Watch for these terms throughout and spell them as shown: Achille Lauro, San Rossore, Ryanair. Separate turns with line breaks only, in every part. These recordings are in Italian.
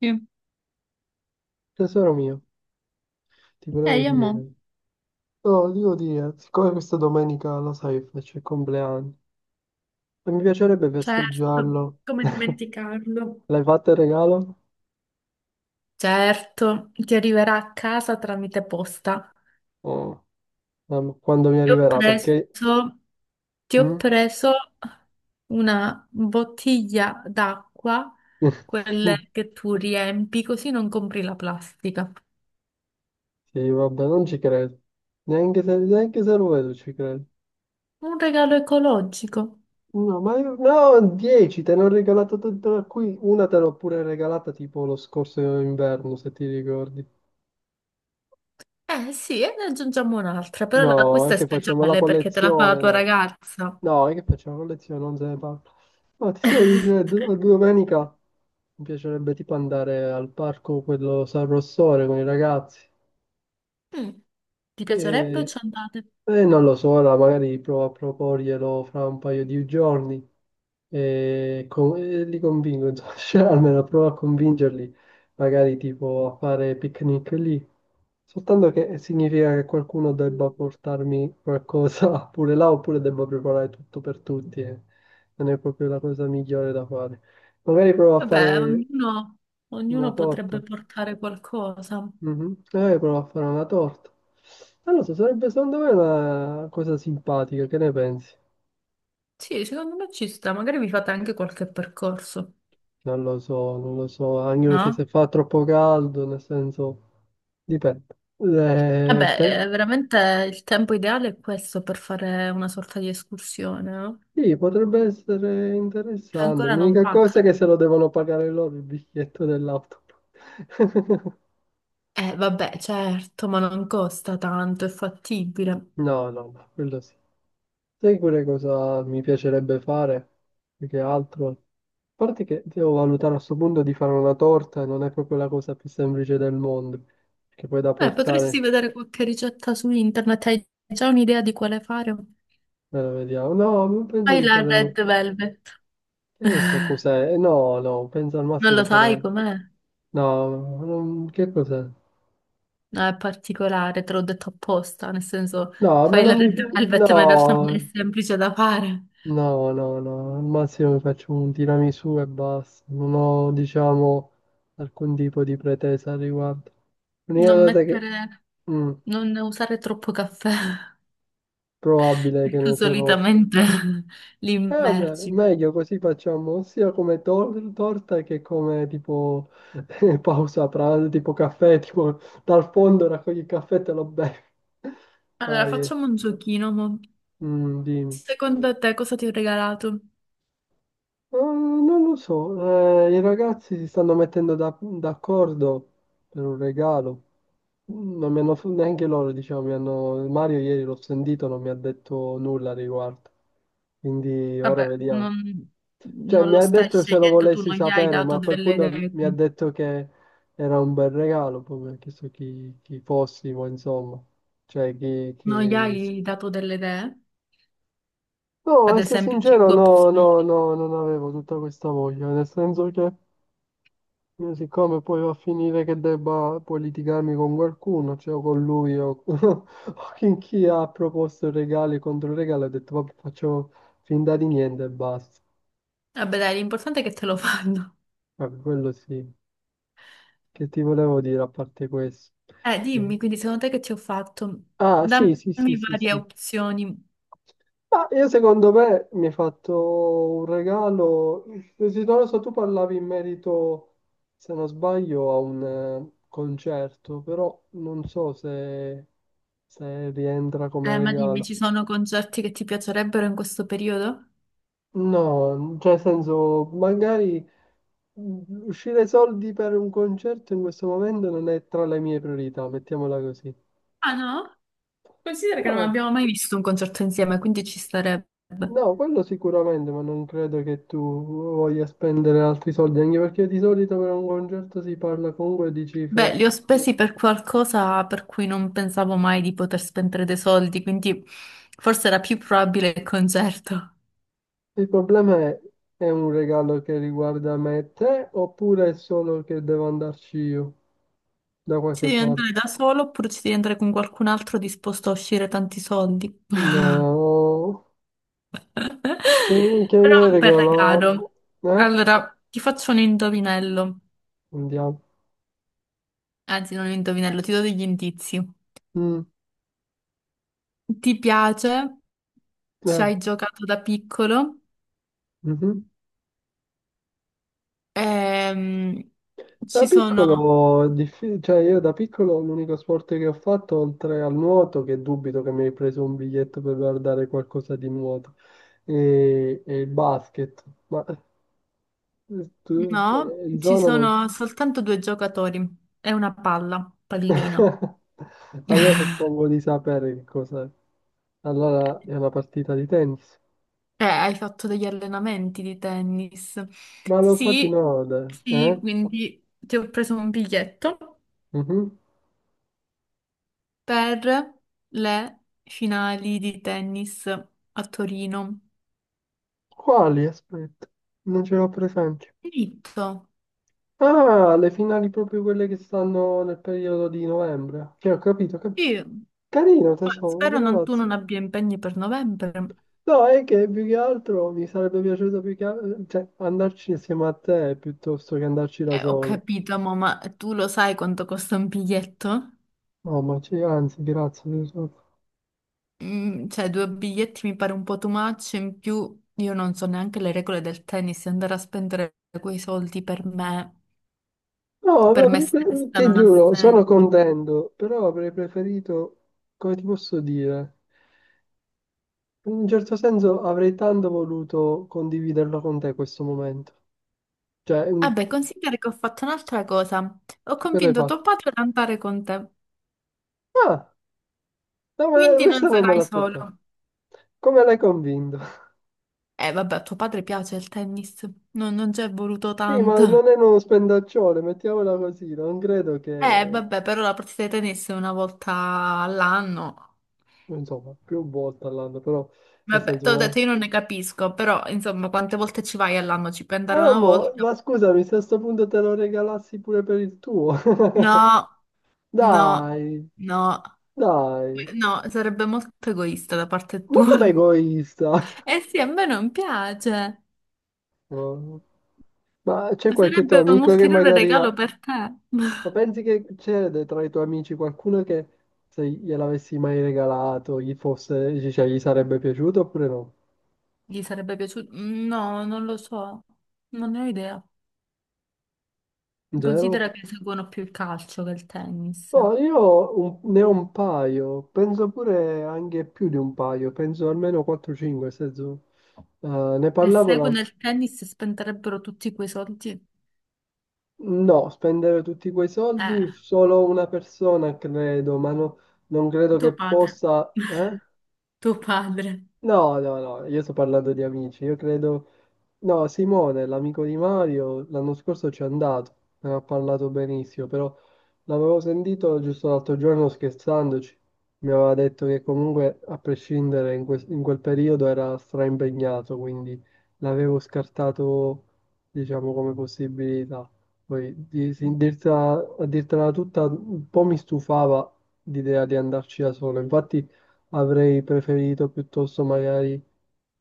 Sì.
Tesoro mio, ti
Eh,
volevo
io mo,
dire, no, ti volevo dire, siccome questa domenica lo sai, c'è il compleanno e mi piacerebbe
certo,
festeggiarlo.
come dimenticarlo.
L'hai fatto il regalo?
Certo, ti arriverà a casa tramite posta.
Oh, mamma, quando mi
Ti ho
arriverà? Perché...
preso, ti ho
Mm?
preso una bottiglia d'acqua, quelle che tu riempi, così non compri la plastica.
Sì, vabbè, non ci credo. Neanche se lo vedo ci credo.
Un regalo ecologico.
No, no, 10, te ne ho regalato tutta qui, una te l'ho pure regalata tipo lo scorso inverno, se ti ricordi.
Eh sì, e ne aggiungiamo un'altra, però
No, è
questa è
che facciamo la
speciale perché te la fa la
collezione,
tua
no.
ragazza.
No, è che facciamo lezione, non se ne parla. Ma ti stavo dicendo, domenica mi piacerebbe tipo andare al parco, quello San Rossore con i ragazzi.
Mm. Ti piacerebbe o ci andate?
Non lo so, allora magari provo a proporglielo fra un paio di giorni e, e li convinco, insomma, cioè, almeno provo a convincerli, magari tipo a fare picnic lì. Soltanto che significa che qualcuno debba portarmi qualcosa pure là oppure debba preparare tutto per tutti e non è proprio la cosa migliore da fare. Magari provo a
Vabbè,
fare
ognuno
una
potrebbe
torta.
portare qualcosa.
Mhm. Prova a fare una torta. Non lo so, sarebbe secondo me una cosa simpatica, che ne pensi?
Sì, secondo me ci sta, magari vi fate anche qualche percorso,
Non lo so, non lo so, anche perché se
no?
fa troppo caldo, nel senso, dipende. Eh, pe-
Vabbè, veramente il tempo ideale è questo per fare una sorta di escursione, no?
sì, potrebbe essere
Cioè,
interessante.
ancora non
L'unica
pacca.
cosa è che se lo devono pagare loro il biglietto dell'auto.
Vabbè, certo, ma non costa tanto, è fattibile.
No, no, no, quello sì. Sai pure cosa mi piacerebbe fare? Più che altro. A parte che devo valutare a sto punto di fare una torta e non è proprio la cosa più semplice del mondo. Che poi da
Potresti
portare,
vedere qualche ricetta su internet, hai già un'idea di quale fare?
me la vediamo. No, ma penso
Fai
di
la
fare...
Red Velvet.
Che ne so cos'è? No, no, penso al
Non
massimo
lo
di
sai
fare...
com'è?
No, che cos'è?
No, è particolare, te l'ho detto apposta, nel senso
No, ma
fai la
non mi
Red
piace...
Velvet, ma in realtà non è
No,
semplice da fare.
no, no, no, al massimo mi faccio un tiramisù e basta, non ho, diciamo, alcun tipo di pretesa al riguardo. L'unica
Non
cosa che
mettere,
mm,
non usare troppo caffè,
probabile
perché
che ne
tu
userò.
solitamente li
E vabbè,
immergi.
meglio così facciamo sia come torta che come tipo pausa pranzo, tipo caffè, tipo dal fondo raccogli il caffè e te lo bevi.
Allora,
Dai, eh.
facciamo un giochino, mo.
Mm, dimmi.
Secondo te cosa ti ho regalato?
Non lo so, i ragazzi si stanno mettendo d'accordo per un regalo. Non mi hanno, neanche loro, diciamo, Mario ieri l'ho sentito, non mi ha detto nulla al riguardo. Quindi ora
Vabbè,
vediamo.
non,
Cioè,
non
mi
lo
ha
stai
detto se lo
scegliendo tu,
volessi
non gli hai
sapere, ma
dato
a quel
delle
punto
idee,
mi ha
quindi.
detto che era un bel regalo, poi mi ha chiesto chi, fossimo, insomma. Cioè, chi,
Non gli
chi...
hai dato delle idee?
No,
Ad
essere
esempio,
sincero,
cinque
no, no,
opzioni.
no, non avevo tutta questa voglia, nel senso che... Io siccome poi va a finire che debba poi litigarmi con qualcuno, cioè o con lui o, o con chi ha proposto regali contro regali, ho detto vabbè faccio finta di niente e basta.
Vabbè, dai, l'importante è che te lo fanno.
Vabbè, quello sì, che ti volevo dire a parte questo. Eh,
Dimmi, quindi secondo te che ti ho fatto?
Ah
Dammi
sì, sì, sì, sì,
varie
sì.
opzioni.
Ma io secondo me mi hai fatto un regalo. Desiderato, tu parlavi in merito, se non sbaglio, a un concerto, però non so se, se rientra come
Ma dimmi,
regalo.
ci sono concerti che ti piacerebbero in questo periodo?
No, cioè nel senso, magari uscire soldi per un concerto in questo momento non è tra le mie priorità, mettiamola così.
Ah no? Considera che non
No.
abbiamo mai visto un concerto insieme, quindi ci starebbe.
No, quello sicuramente, ma non credo che tu voglia spendere altri soldi, anche perché di solito per un concerto si parla comunque di
Beh,
cifre.
li ho spesi per qualcosa per cui non pensavo mai di poter spendere dei soldi, quindi forse era più probabile il concerto.
Il problema è un regalo che riguarda me e te, oppure è solo che devo andarci io da
Ci
qualche
devi
parte?
andare da solo oppure ci devi andare con qualcun altro disposto a uscire tanti soldi?
No, che, che mi
Però
hai
un bel regalo.
regalato? Eh?
Allora, ti faccio un indovinello.
Andiamo.
Anzi, non un indovinello, ti do degli indizi.
Mm,
Ti piace? Ci
eh,
hai giocato da piccolo?
mhm.
Ehm,
Da
ci sono.
piccolo, è diffi- cioè io da piccolo l'unico sport che ho fatto, oltre al nuoto, che dubito che mi hai preso un biglietto per guardare qualcosa di nuoto, e il basket. Ma tu, cioè,
No,
in
ci
zona non...
sono soltanto due giocatori. È una palla, pallino.
Allora suppongo di sapere che cos'è. Allora è una partita di tennis.
Hai fatto degli allenamenti di tennis.
Ma lo fate in
Sì,
ode, eh?
sì, quindi ti ho preso un biglietto
Mhm.
per le finali di tennis a Torino.
Quali? Aspetta, non ce l'ho presente.
Diritto.
Ah, le finali proprio quelle che stanno nel periodo di novembre. Che ho capito,
Sì,
carino,
ma
tesoro,
spero tu
grazie.
non abbia impegni per novembre.
No, è che più che altro mi sarebbe piaciuto più che cioè, andarci insieme a te piuttosto che andarci da
Ho
solo.
capito, mo, ma tu lo sai quanto costa un biglietto?
No, ma c'è, anzi, grazie, tesoro.
Cioè, due biglietti mi pare un po' too much, in più io non so neanche le regole del tennis, e andare a spendere quei soldi
No,
per
vabbè,
me stessa
ti
non ha
giuro, sono
senso.
contento, però avrei preferito, come ti posso dire, in un certo senso avrei tanto voluto condividerlo con te questo momento. Cioè,
Vabbè, considera che ho fatto un'altra cosa. Ho
cosa hai
convinto tuo
fatto?
padre ad andare con te.
Ah, no, ma
Quindi non
questa non me
sarai
l'aspettavo.
solo.
Come l'hai convinto?
Vabbè, a tuo padre piace il tennis. No, non ci è voluto
Sì, ma
tanto.
non è uno spendaccione, mettiamola così, non credo che...
Vabbè, però la partita di tennis è una volta all'anno.
Insomma, più volte all'anno, però, nel
Vabbè,
senso
te l'ho
una...
detto, io non ne capisco, però insomma, quante volte ci vai all'anno? Ci puoi andare
Ah,
una
mo,
volta?
ma scusami, se a sto punto te lo regalassi pure per il tuo.
No, no,
Dai,
no,
dai.
no, sarebbe molto egoista da parte
Ma
tua.
com'è egoista?
Eh sì, a me non piace.
Oh. Ma c'è qualche tuo
Sarebbe un
amico che
ulteriore
magari
regalo
ha...
per te.
Ma pensi che c'è tra i tuoi amici qualcuno che se gliel'avessi mai regalato gli fosse, cioè, gli sarebbe piaciuto oppure no?
Gli sarebbe piaciuto? No, non lo so, non ne ho idea.
Zero?
Considera che seguono più il calcio che il tennis.
No, io ne ho un paio, penso pure anche più di un paio, penso almeno 4-5, nel senso, eh, ne
Se
parlavo la...
seguono il tennis spenderebbero tutti quei soldi.
No, spendere tutti quei soldi
Eh,
solo una persona, credo, ma no, non credo
tuo
che
padre.
possa... Eh?
Tuo padre.
No, no, no, io sto parlando di amici, io credo no, Simone, l'amico di Mario, l'anno scorso ci è andato, ne ha parlato benissimo, però l'avevo sentito giusto l'altro giorno scherzandoci, mi aveva detto che comunque a prescindere in quel periodo era straimpegnato, quindi l'avevo scartato diciamo come possibilità. Poi a dirtela tutta un po' mi stufava l'idea di andarci da solo, infatti avrei preferito piuttosto magari,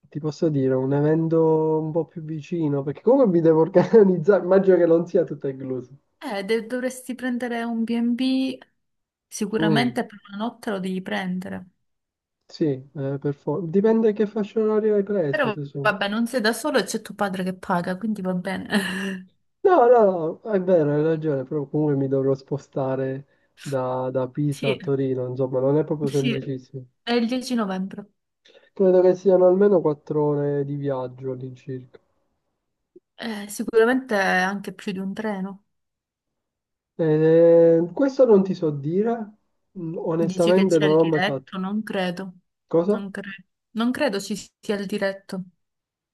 ti posso dire, un evento un po' più vicino, perché comunque mi devo organizzare, immagino che non sia tutto incluso.
Dovresti prendere un B&B,
Mm.
sicuramente per una notte lo devi prendere.
Sì, per dipende che fascia oraria hai preso,
Però
tesoro.
vabbè, non sei da solo e c'è tuo padre che paga, quindi va bene.
No, no, no, è vero, hai ragione, però comunque mi dovrò spostare da Pisa a
Sì,
Torino, insomma, non è proprio
sì,
semplicissimo.
è il 10 novembre.
Credo che siano almeno 4 ore di viaggio all'incirca.
Sicuramente anche più di un treno.
Questo non ti so dire, mm,
Dici che
onestamente
c'è
non
il
ho mai fatto.
diretto? Non credo.
Cosa?
Non credo. Non credo ci sia il diretto.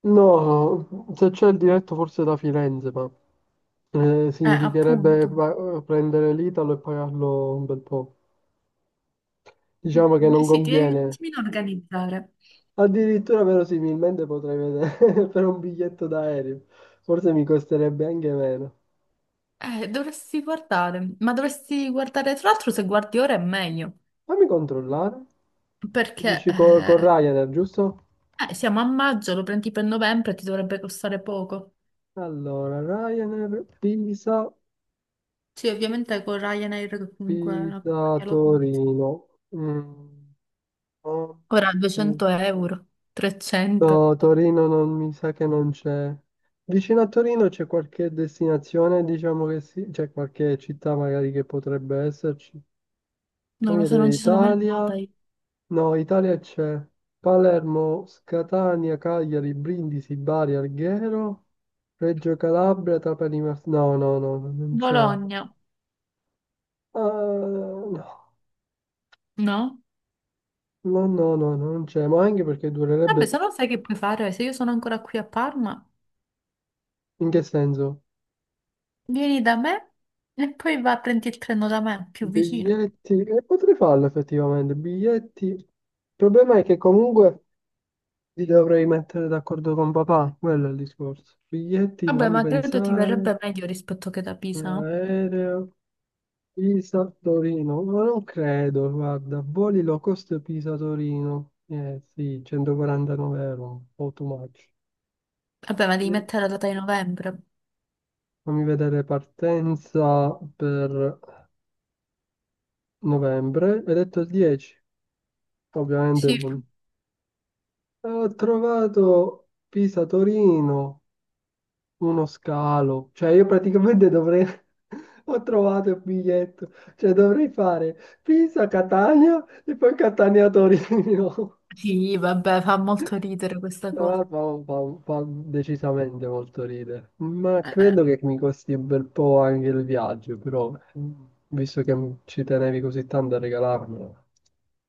No, se c'è il diretto forse da Firenze, ma significherebbe
Appunto.
prendere l'Italo e pagarlo un bel po'. Diciamo che non
Sì, ti devi un
conviene.
attimino organizzare.
Addirittura verosimilmente potrei vedere per un biglietto d'aereo. Forse mi costerebbe anche meno.
Dovresti guardare, ma dovresti guardare, tra l'altro, se guardi ora è meglio,
Fammi controllare.
perché
Dici con, Ryanair, giusto?
siamo a maggio, lo prendi per novembre, e ti dovrebbe costare poco.
Allora, Ryanair, Pisa,
Sì, ovviamente con Ryanair, che comunque è una compagnia low cost.
Torino. Mm, no,
Ora
Pisa-
200 euro, 300.
no, Torino non mi sa che non c'è. Vicino a Torino c'è qualche destinazione, diciamo che sì, c'è qualche città magari che potrebbe esserci.
Non lo
Famiglia
so, non ci sono mai andata
dell'Italia.
io.
No, Italia c'è Palermo, Catania, Cagliari, Brindisi, Bari, Alghero, Reggio Calabria, Trapani, no, no, no, no, non c'è. Ah,
Bologna,
no,
no?
no, no, no, no, non c'è, ma anche perché
Vabbè,
durerebbe...
se no sai che puoi fare, se io sono ancora qui a Parma,
In che senso?
vieni da me e poi va a prendi il treno da me, più vicino.
Biglietti... E potrei farlo effettivamente, biglietti... Il problema è che comunque li dovrei mettere d'accordo con papà, quello è il discorso. Biglietti,
Vabbè,
fammi
ma credo ti verrebbe
pensare,
meglio rispetto che da Pisa, no?
aereo... Pisa-Torino, ma non credo, guarda, voli low cost Pisa-Torino, eh sì, 149 euro, un po' too much.
Vabbè, ma devi
Eh,
mettere la data di novembre.
Fammi vedere partenza per novembre, hai detto il 10, ovviamente
Sì.
non. Ho trovato Pisa-Torino, uno scalo, cioè io praticamente dovrei, ho trovato il biglietto, cioè dovrei fare Pisa-Catania e poi Catania-Torino.
Sì, vabbè, fa molto ridere questa
No,
cosa.
fa decisamente molto ridere, ma
Eh,
credo che mi costi un bel po' anche il viaggio, però mm, visto che ci tenevi così tanto a regalarmelo,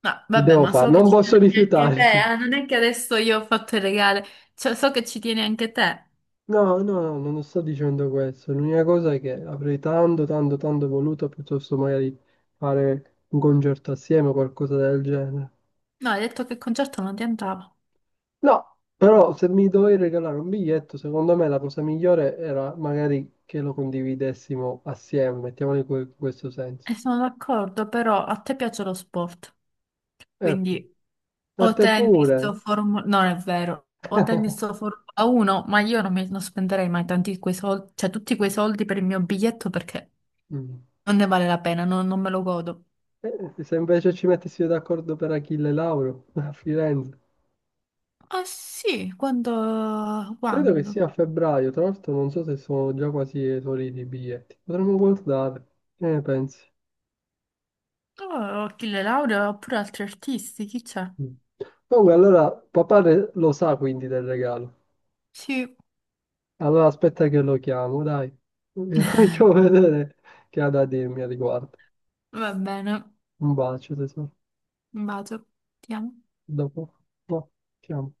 no,
che
vabbè,
devo
ma
fare?
so che
Non
ci
posso
tieni anche te,
rifiutarmi.
non è che adesso io ho fatto il regale, cioè so che ci tieni anche te.
No, no, no, non sto dicendo questo. L'unica cosa è che avrei tanto, tanto, tanto voluto piuttosto magari fare un concerto assieme o qualcosa del genere.
No, hai detto che il concerto non ti andava.
No, però se mi dovevi regalare un biglietto, secondo me la cosa migliore era magari che lo condividessimo assieme, mettiamolo in questo senso.
E sono d'accordo, però a te piace lo sport,
E ok,
quindi.
a
O
te
tennis
pure.
o Formula. No, è vero. O tennis o Formula 1, ma io non spenderei mai tanti quei soldi, cioè tutti quei soldi per il mio biglietto perché
Mm.
non ne vale la pena, non me lo godo.
Se invece ci mettessimo d'accordo per Achille Lauro a Firenze,
Ah sì, quando...
credo che
quando?
sia a febbraio, tra l'altro non so se sono già quasi esauriti i biglietti, potremmo guardare, che ne pensi?
Oh, ho chi le laurea oppure altri artisti, chi c'è?
Mm. Comunque allora papà lo sa quindi del regalo.
Sì,
Allora aspetta che lo chiamo, dai. Vi faccio vedere che ha da dirmi a riguardo.
va bene.
Un bacio, tesoro.
Un bacio. Ti amo.
Dopo. No, chiamo.